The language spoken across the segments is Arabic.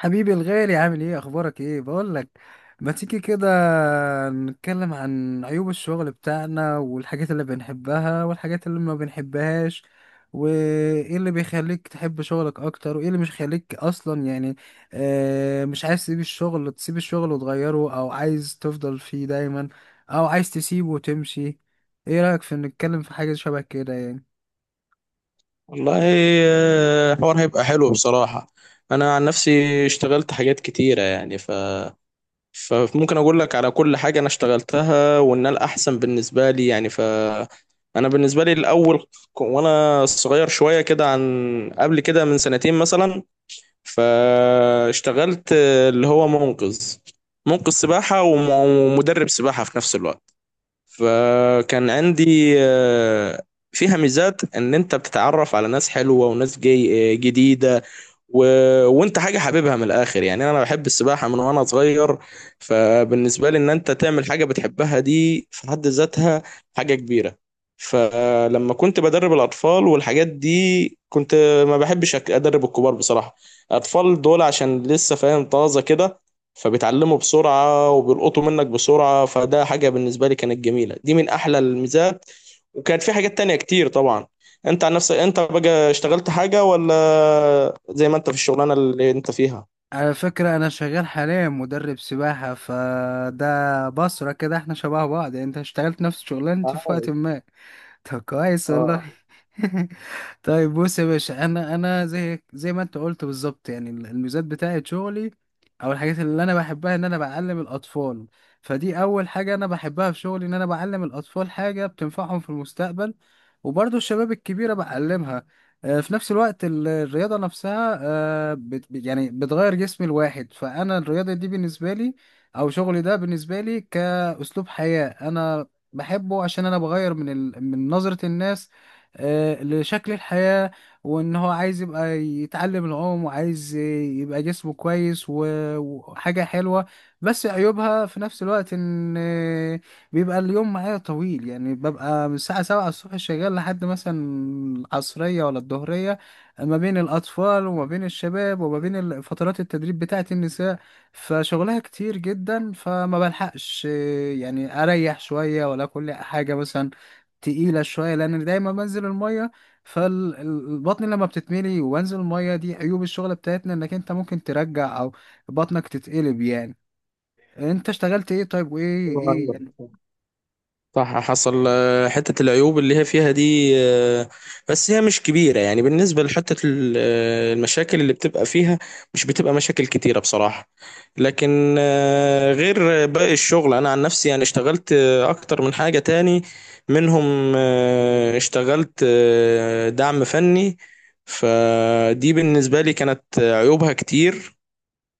حبيبي الغالي، عامل ايه؟ اخبارك ايه؟ بقول لك، ما تيجي كده نتكلم عن عيوب الشغل بتاعنا والحاجات اللي بنحبها والحاجات اللي ما بنحبهاش، وايه اللي بيخليك تحب شغلك اكتر وايه اللي مش خليك اصلا، يعني مش عايز تسيب الشغل؟ تسيب الشغل وتغيره او عايز تفضل فيه دايما او عايز تسيبه وتمشي؟ ايه رأيك في نتكلم في حاجة شبه كده يعني؟ والله، الحوار هيبقى حلو بصراحة. أنا عن نفسي اشتغلت حاجات كتيرة يعني فممكن أقول لك على كل حاجة أنا اشتغلتها وإن الأحسن بالنسبة لي يعني ف، أنا بالنسبة لي الأول وأنا صغير شوية كده عن قبل كده من سنتين مثلا، فاشتغلت اللي هو منقذ، سباحة ومدرب سباحة في نفس الوقت. فكان عندي، فيها ميزات ان انت بتتعرف على ناس حلوة وناس جاي جديدة و... وانت حاجه حاببها من الاخر، يعني انا بحب السباحه من وانا صغير. فبالنسبه لي ان انت تعمل حاجه بتحبها دي في حد ذاتها حاجه كبيره. فلما كنت بدرب الاطفال والحاجات دي كنت ما بحبش ادرب الكبار بصراحه. الاطفال دول عشان لسه فاهم طازه كده، فبيتعلموا بسرعه وبيلقطوا منك بسرعه، فده حاجه بالنسبه لي كانت جميله، دي من احلى الميزات. وكانت في حاجات تانية كتير طبعا. انت عن نفسك انت بقى اشتغلت حاجة ولا زي ما انت في الشغلانة اللي انت فيها على فكرة أنا شغال حاليا مدرب سباحة، فده بصرة كده احنا شبه بعض، يعني انت اشتغلت نفس شغلانتي في وقت عايش؟ ما. طب كويس والله. اه. طيب بص يا باشا، انا زي ما انت قلت بالظبط، يعني الميزات بتاعت شغلي او الحاجات اللي انا بحبها ان انا بعلم الاطفال. فدي اول حاجه انا بحبها في شغلي، ان انا بعلم الاطفال حاجه بتنفعهم في المستقبل. وبرضه الشباب الكبيره بعلمها. في نفس الوقت الرياضه نفسها، يعني بتغير جسم الواحد. فانا الرياضه دي بالنسبه لي او شغلي ده بالنسبه لي كاسلوب حياه، انا بحبه عشان انا بغير من من نظرة الناس، لشكل الحياة. وان هو عايز يبقى يتعلم العوم وعايز يبقى جسمه كويس وحاجة حلوة. بس عيوبها في نفس الوقت ان بيبقى اليوم معايا طويل، يعني ببقى من الساعة سبعة الصبح شغال لحد مثلا العصرية ولا الظهرية، ما بين الأطفال وما بين الشباب وما بين فترات التدريب بتاعة النساء. فشغلها كتير جدا، فما بلحقش يعني اريح شويه ولا كل حاجه. مثلا تقيله شويه لان دايما بنزل الميه، فالبطن لما بتتملي وانزل الميه، دي عيوب الشغل بتاعتنا، انك انت ممكن ترجع او بطنك تتقلب يعني. انت اشتغلت ايه طيب؟ وايه ايوه ايه ايوه، يعني؟ صح حصل، حتة العيوب اللي هي فيها دي، بس هي مش كبيرة يعني. بالنسبة لحتة المشاكل اللي بتبقى فيها، مش بتبقى مشاكل كتيرة بصراحة. لكن، غير باقي الشغل أنا عن نفسي يعني اشتغلت، أكتر من حاجة تاني. منهم، اشتغلت دعم فني. فدي بالنسبة لي كانت عيوبها كتير.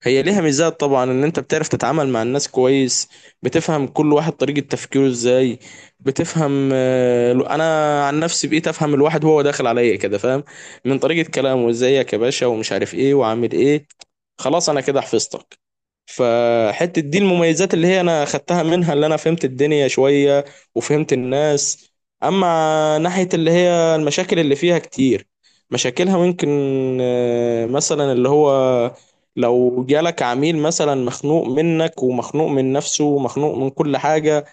هي ليها ميزات طبعا، ان انت بتعرف تتعامل مع الناس كويس، بتفهم كل واحد طريقة تفكيره ازاي. بتفهم، انا عن نفسي بقيت افهم الواحد وهو داخل عليا كده، فاهم؟ من طريقة كلامه، ازيك يا باشا ومش عارف ايه وعامل ايه، خلاص انا كده حفظتك. فحتة دي المميزات اللي هي انا خدتها منها، اللي انا فهمت الدنيا شوية وفهمت الناس. اما ناحية اللي هي المشاكل اللي فيها كتير، مشاكلها ممكن، مثلا اللي هو لو جالك عميل مثلا مخنوق منك ومخنوق من نفسه ومخنوق من كل حاجة،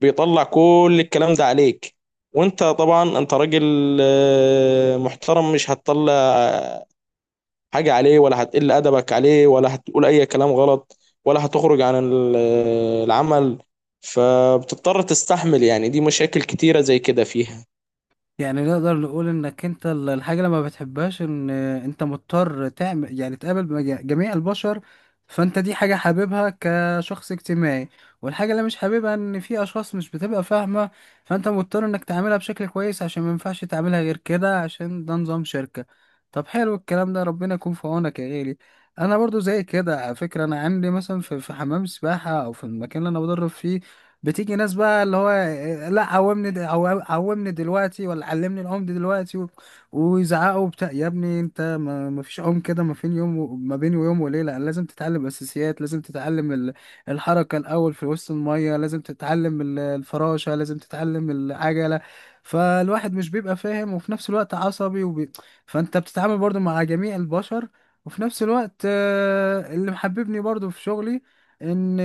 بيطلع كل الكلام ده عليك. وانت طبعا انت راجل محترم، مش هتطلع، حاجة عليه ولا هتقل أدبك عليه ولا هتقول أي كلام غلط، ولا هتخرج عن العمل. فبتضطر تستحمل، يعني دي مشاكل كتيرة زي كده فيها. يعني نقدر نقول انك انت الحاجة اللي ما بتحبهاش ان انت مضطر تعمل، يعني تقابل جميع البشر. فانت دي حاجة حاببها كشخص اجتماعي، والحاجة اللي مش حاببها ان في اشخاص مش بتبقى فاهمة، فانت مضطر انك تعملها بشكل كويس عشان ما ينفعش تعملها غير كده، عشان ده نظام شركة. طب حلو الكلام ده، ربنا يكون في عونك يا غالي. انا برضو زي كده على فكرة. انا عندي مثلا في حمام سباحة او في المكان اللي انا بدرب فيه، بتيجي ناس بقى اللي هو إيه، لا قومني قومني دلوقتي، ولا علمني العوم دي دلوقتي، ويزعقوا بتاع، يا ابني انت ما فيش عوم كده، ما فين يوم ما بين يوم وليله لازم تتعلم اساسيات، لازم تتعلم الحركه الاول في وسط الميه، لازم تتعلم الفراشه، لازم تتعلم العجله. فالواحد مش بيبقى فاهم وفي نفس الوقت عصبي فانت بتتعامل برضو مع جميع البشر. وفي نفس الوقت اللي محببني برضو في شغلي ان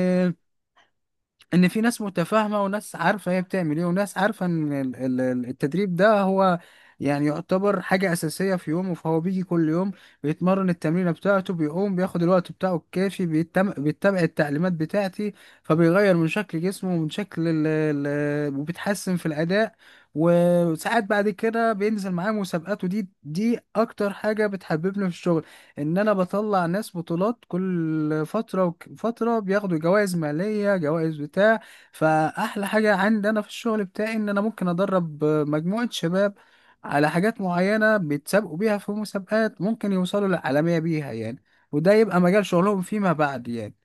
في ناس متفاهمه، وناس عارفه هي بتعمل ايه، وناس عارفه ان التدريب ده هو يعني يعتبر حاجه اساسيه في يومه، فهو بيجي كل يوم بيتمرن التمرينه بتاعته، بيقوم بياخد الوقت بتاعه الكافي، بيتبع التعليمات بتاعتي، فبيغير من شكل جسمه ومن شكل وبيتحسن في الاداء. وساعات بعد كده بينزل معاه مسابقات، ودي اكتر حاجه بتحببني في الشغل، ان انا بطلع ناس بطولات كل فتره فتره بياخدوا جوائز ماليه، جوائز بتاع. فاحلى حاجه عندي انا في الشغل بتاعي ان انا ممكن ادرب مجموعه شباب على حاجات معينه بيتسابقوا بيها في مسابقات، ممكن يوصلوا للعالميه بيها يعني، وده يبقى مجال شغلهم فيما بعد يعني.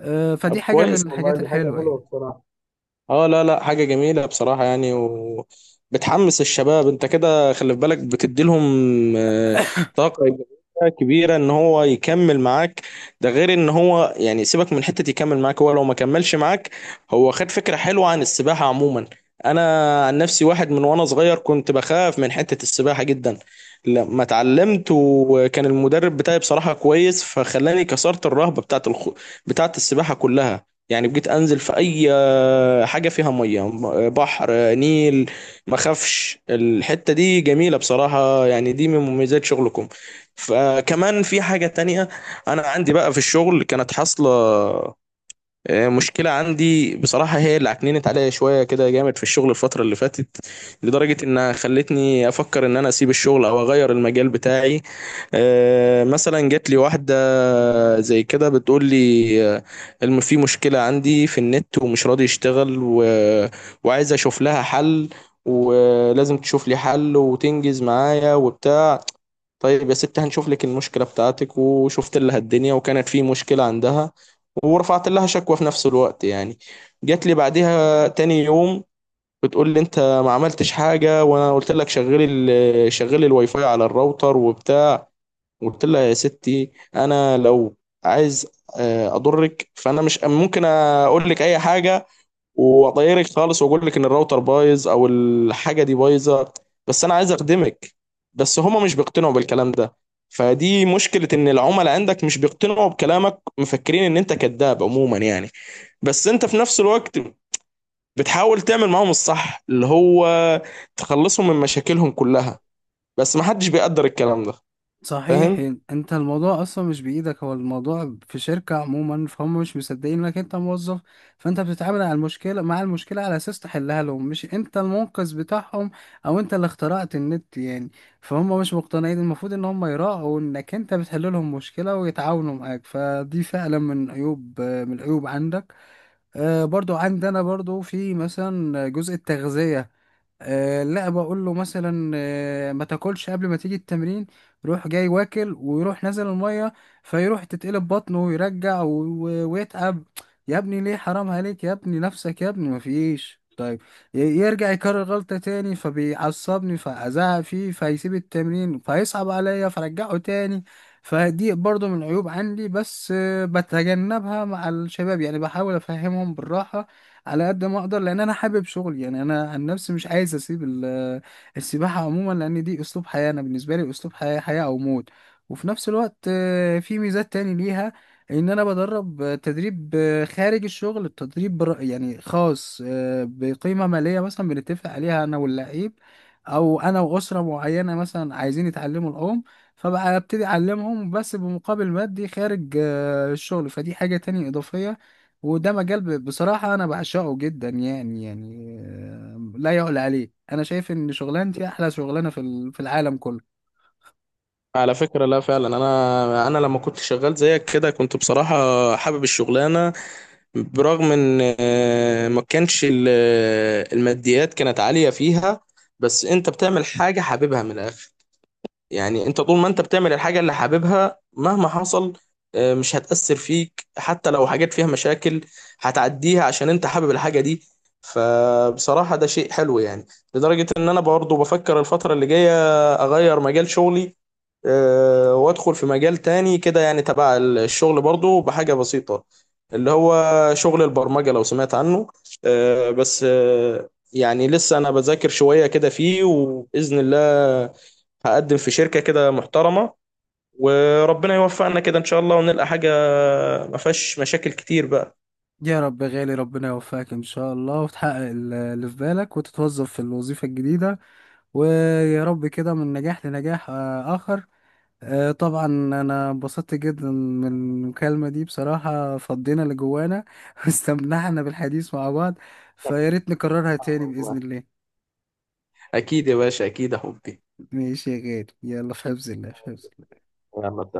أه، طب فدي حاجه من كويس والله، الحاجات دي حاجة الحلوه حلوة يعني. بصراحة. اه لا لا، حاجة جميلة بصراحة يعني، وبتحمس الشباب. انت كده خلي في بالك بتديلهم، آه، طاقة إيجابية كبيرة ان هو يكمل معاك. ده غير ان هو يعني سيبك من حتة يكمل معاك، هو لو ما كملش معاك هو خد فكرة حلوة عن السباحة عموما. انا عن نفسي واحد من وانا صغير كنت بخاف من حتة السباحة جدا. لما اتعلمت وكان المدرب بتاعي بصراحة كويس، فخلاني كسرت الرهبة بتاعت بتاعت السباحة كلها. يعني بقيت انزل في اي حاجه فيها ميه، بحر، نيل، ما اخافش. الحته دي جميله بصراحه يعني، دي من مميزات شغلكم. فكمان في حاجه تانية، انا عندي بقى في الشغل كانت حاصله، مشكله عندي بصراحه، هي اللي عكننت عليا شويه كده جامد في الشغل الفتره اللي فاتت، لدرجه انها خلتني افكر ان انا اسيب الشغل او اغير المجال بتاعي. مثلا جات لي واحدة زي كده بتقول لي، الم في مشكلة عندي في النت ومش راضي يشتغل وعايز اشوف لها حل، ولازم تشوف لي حل وتنجز معايا وبتاع. طيب يا ست هنشوف لك المشكلة بتاعتك. وشفت لها الدنيا وكانت في مشكلة عندها، ورفعت لها شكوى في نفس الوقت يعني. جات لي بعدها تاني يوم بتقول لي، انت ما عملتش حاجة، وانا قلت لك شغلي شغلي الواي فاي على الراوتر وبتاع. قلت لها، يا ستي انا لو عايز، اضرك فانا مش ممكن اقول لك اي حاجه واطيرك خالص واقول لك ان الراوتر بايظ او الحاجه دي بايظه، بس انا عايز اخدمك. بس هما مش بيقتنعوا بالكلام ده. فدي مشكله، ان العملاء عندك مش بيقتنعوا بكلامك، مفكرين ان انت كذاب عموما يعني. بس انت في نفس الوقت بتحاول تعمل معاهم الصح، اللي هو تخلصهم من مشاكلهم كلها، بس محدش بيقدر الكلام ده، صحيح. فاهم؟ انت الموضوع اصلا مش بايدك، هو الموضوع في شركة عموما، فهم مش مصدقين انك انت موظف. فانت بتتعامل على المشكلة، مع المشكلة على اساس تحلها لهم، مش انت المنقذ بتاعهم او انت اللي اخترعت النت يعني. فهم مش مقتنعين. المفروض ان هم يراعوا انك انت بتحل لهم مشكلة ويتعاونوا معاك. فدي فعلا من عيوب، من العيوب عندك. برضو عندنا برضو في مثلا جزء التغذية، لا بقول له مثلا ما تاكلش قبل ما تيجي التمرين، يروح جاي واكل ويروح نازل المية، فيروح تتقلب بطنه ويرجع ويتعب. يا ابني ليه؟ حرام عليك يا ابني، نفسك يا ابني، مفيش. طيب، يرجع يكرر غلطة تاني فبيعصبني، فأزعق فيه فيسيب التمرين، فيصعب عليا فرجعه تاني. فدي برضو من العيوب عندي. بس بتجنبها مع الشباب يعني، بحاول افهمهم بالراحه على قد ما اقدر، لان انا حابب شغلي يعني. انا عن نفسي مش عايز اسيب السباحه عموما، لان دي اسلوب حياه. انا بالنسبه لي اسلوب حياه، حياه او موت. وفي نفس الوقت في ميزات تاني ليها، ان انا بدرب تدريب خارج الشغل، التدريب يعني خاص بقيمه ماليه مثلا بنتفق عليها انا واللعيب، او انا واسره معينه مثلا عايزين يتعلموا العوم، فبقى ابتدي اعلمهم بس بمقابل مادي خارج الشغل. فدي حاجة تانية إضافية، وده مجال بصراحة أنا بعشقه جدا يعني. يعني لا يعلى عليه، أنا شايف إن شغلانتي أحلى شغلانة في في العالم كله. على فكرة لا فعلا، انا لما كنت شغال زيك كده كنت بصراحة حابب الشغلانة. برغم ان، ما كانش الماديات كانت عالية فيها، بس انت بتعمل حاجة حاببها من الاخر. يعني انت طول ما انت بتعمل الحاجة اللي حاببها مهما حصل، مش هتأثر فيك. حتى لو حاجات فيها مشاكل، هتعديها عشان انت حابب الحاجة دي. فبصراحة ده شيء حلو يعني. لدرجة ان انا برضه بفكر الفترة اللي جاية اغير مجال شغلي، وادخل في مجال تاني كده يعني تبع الشغل برضه، بحاجة بسيطة اللي هو شغل البرمجة لو سمعت عنه. آه، بس آه، يعني لسه انا بذاكر شوية كده فيه، وبإذن الله هقدم في شركة كده محترمة، وربنا يوفقنا كده إن شاء الله ونلقى حاجة ما فيهاش مشاكل كتير بقى. يا رب يا غالي، ربنا يوفقك إن شاء الله وتحقق اللي في بالك وتتوظف في الوظيفة الجديدة، ويا رب كده من نجاح لنجاح آخر. طبعا أنا انبسطت جدا من المكالمة دي بصراحة، فضينا اللي جوانا واستمتعنا بالحديث مع بعض، فيا ريت نكررها تاني آه بإذن والله، الله. اكيد يا باشا، اكيد يا حبي. ماشي يا غالي، يلا في حفظ الله، في حفظ يلا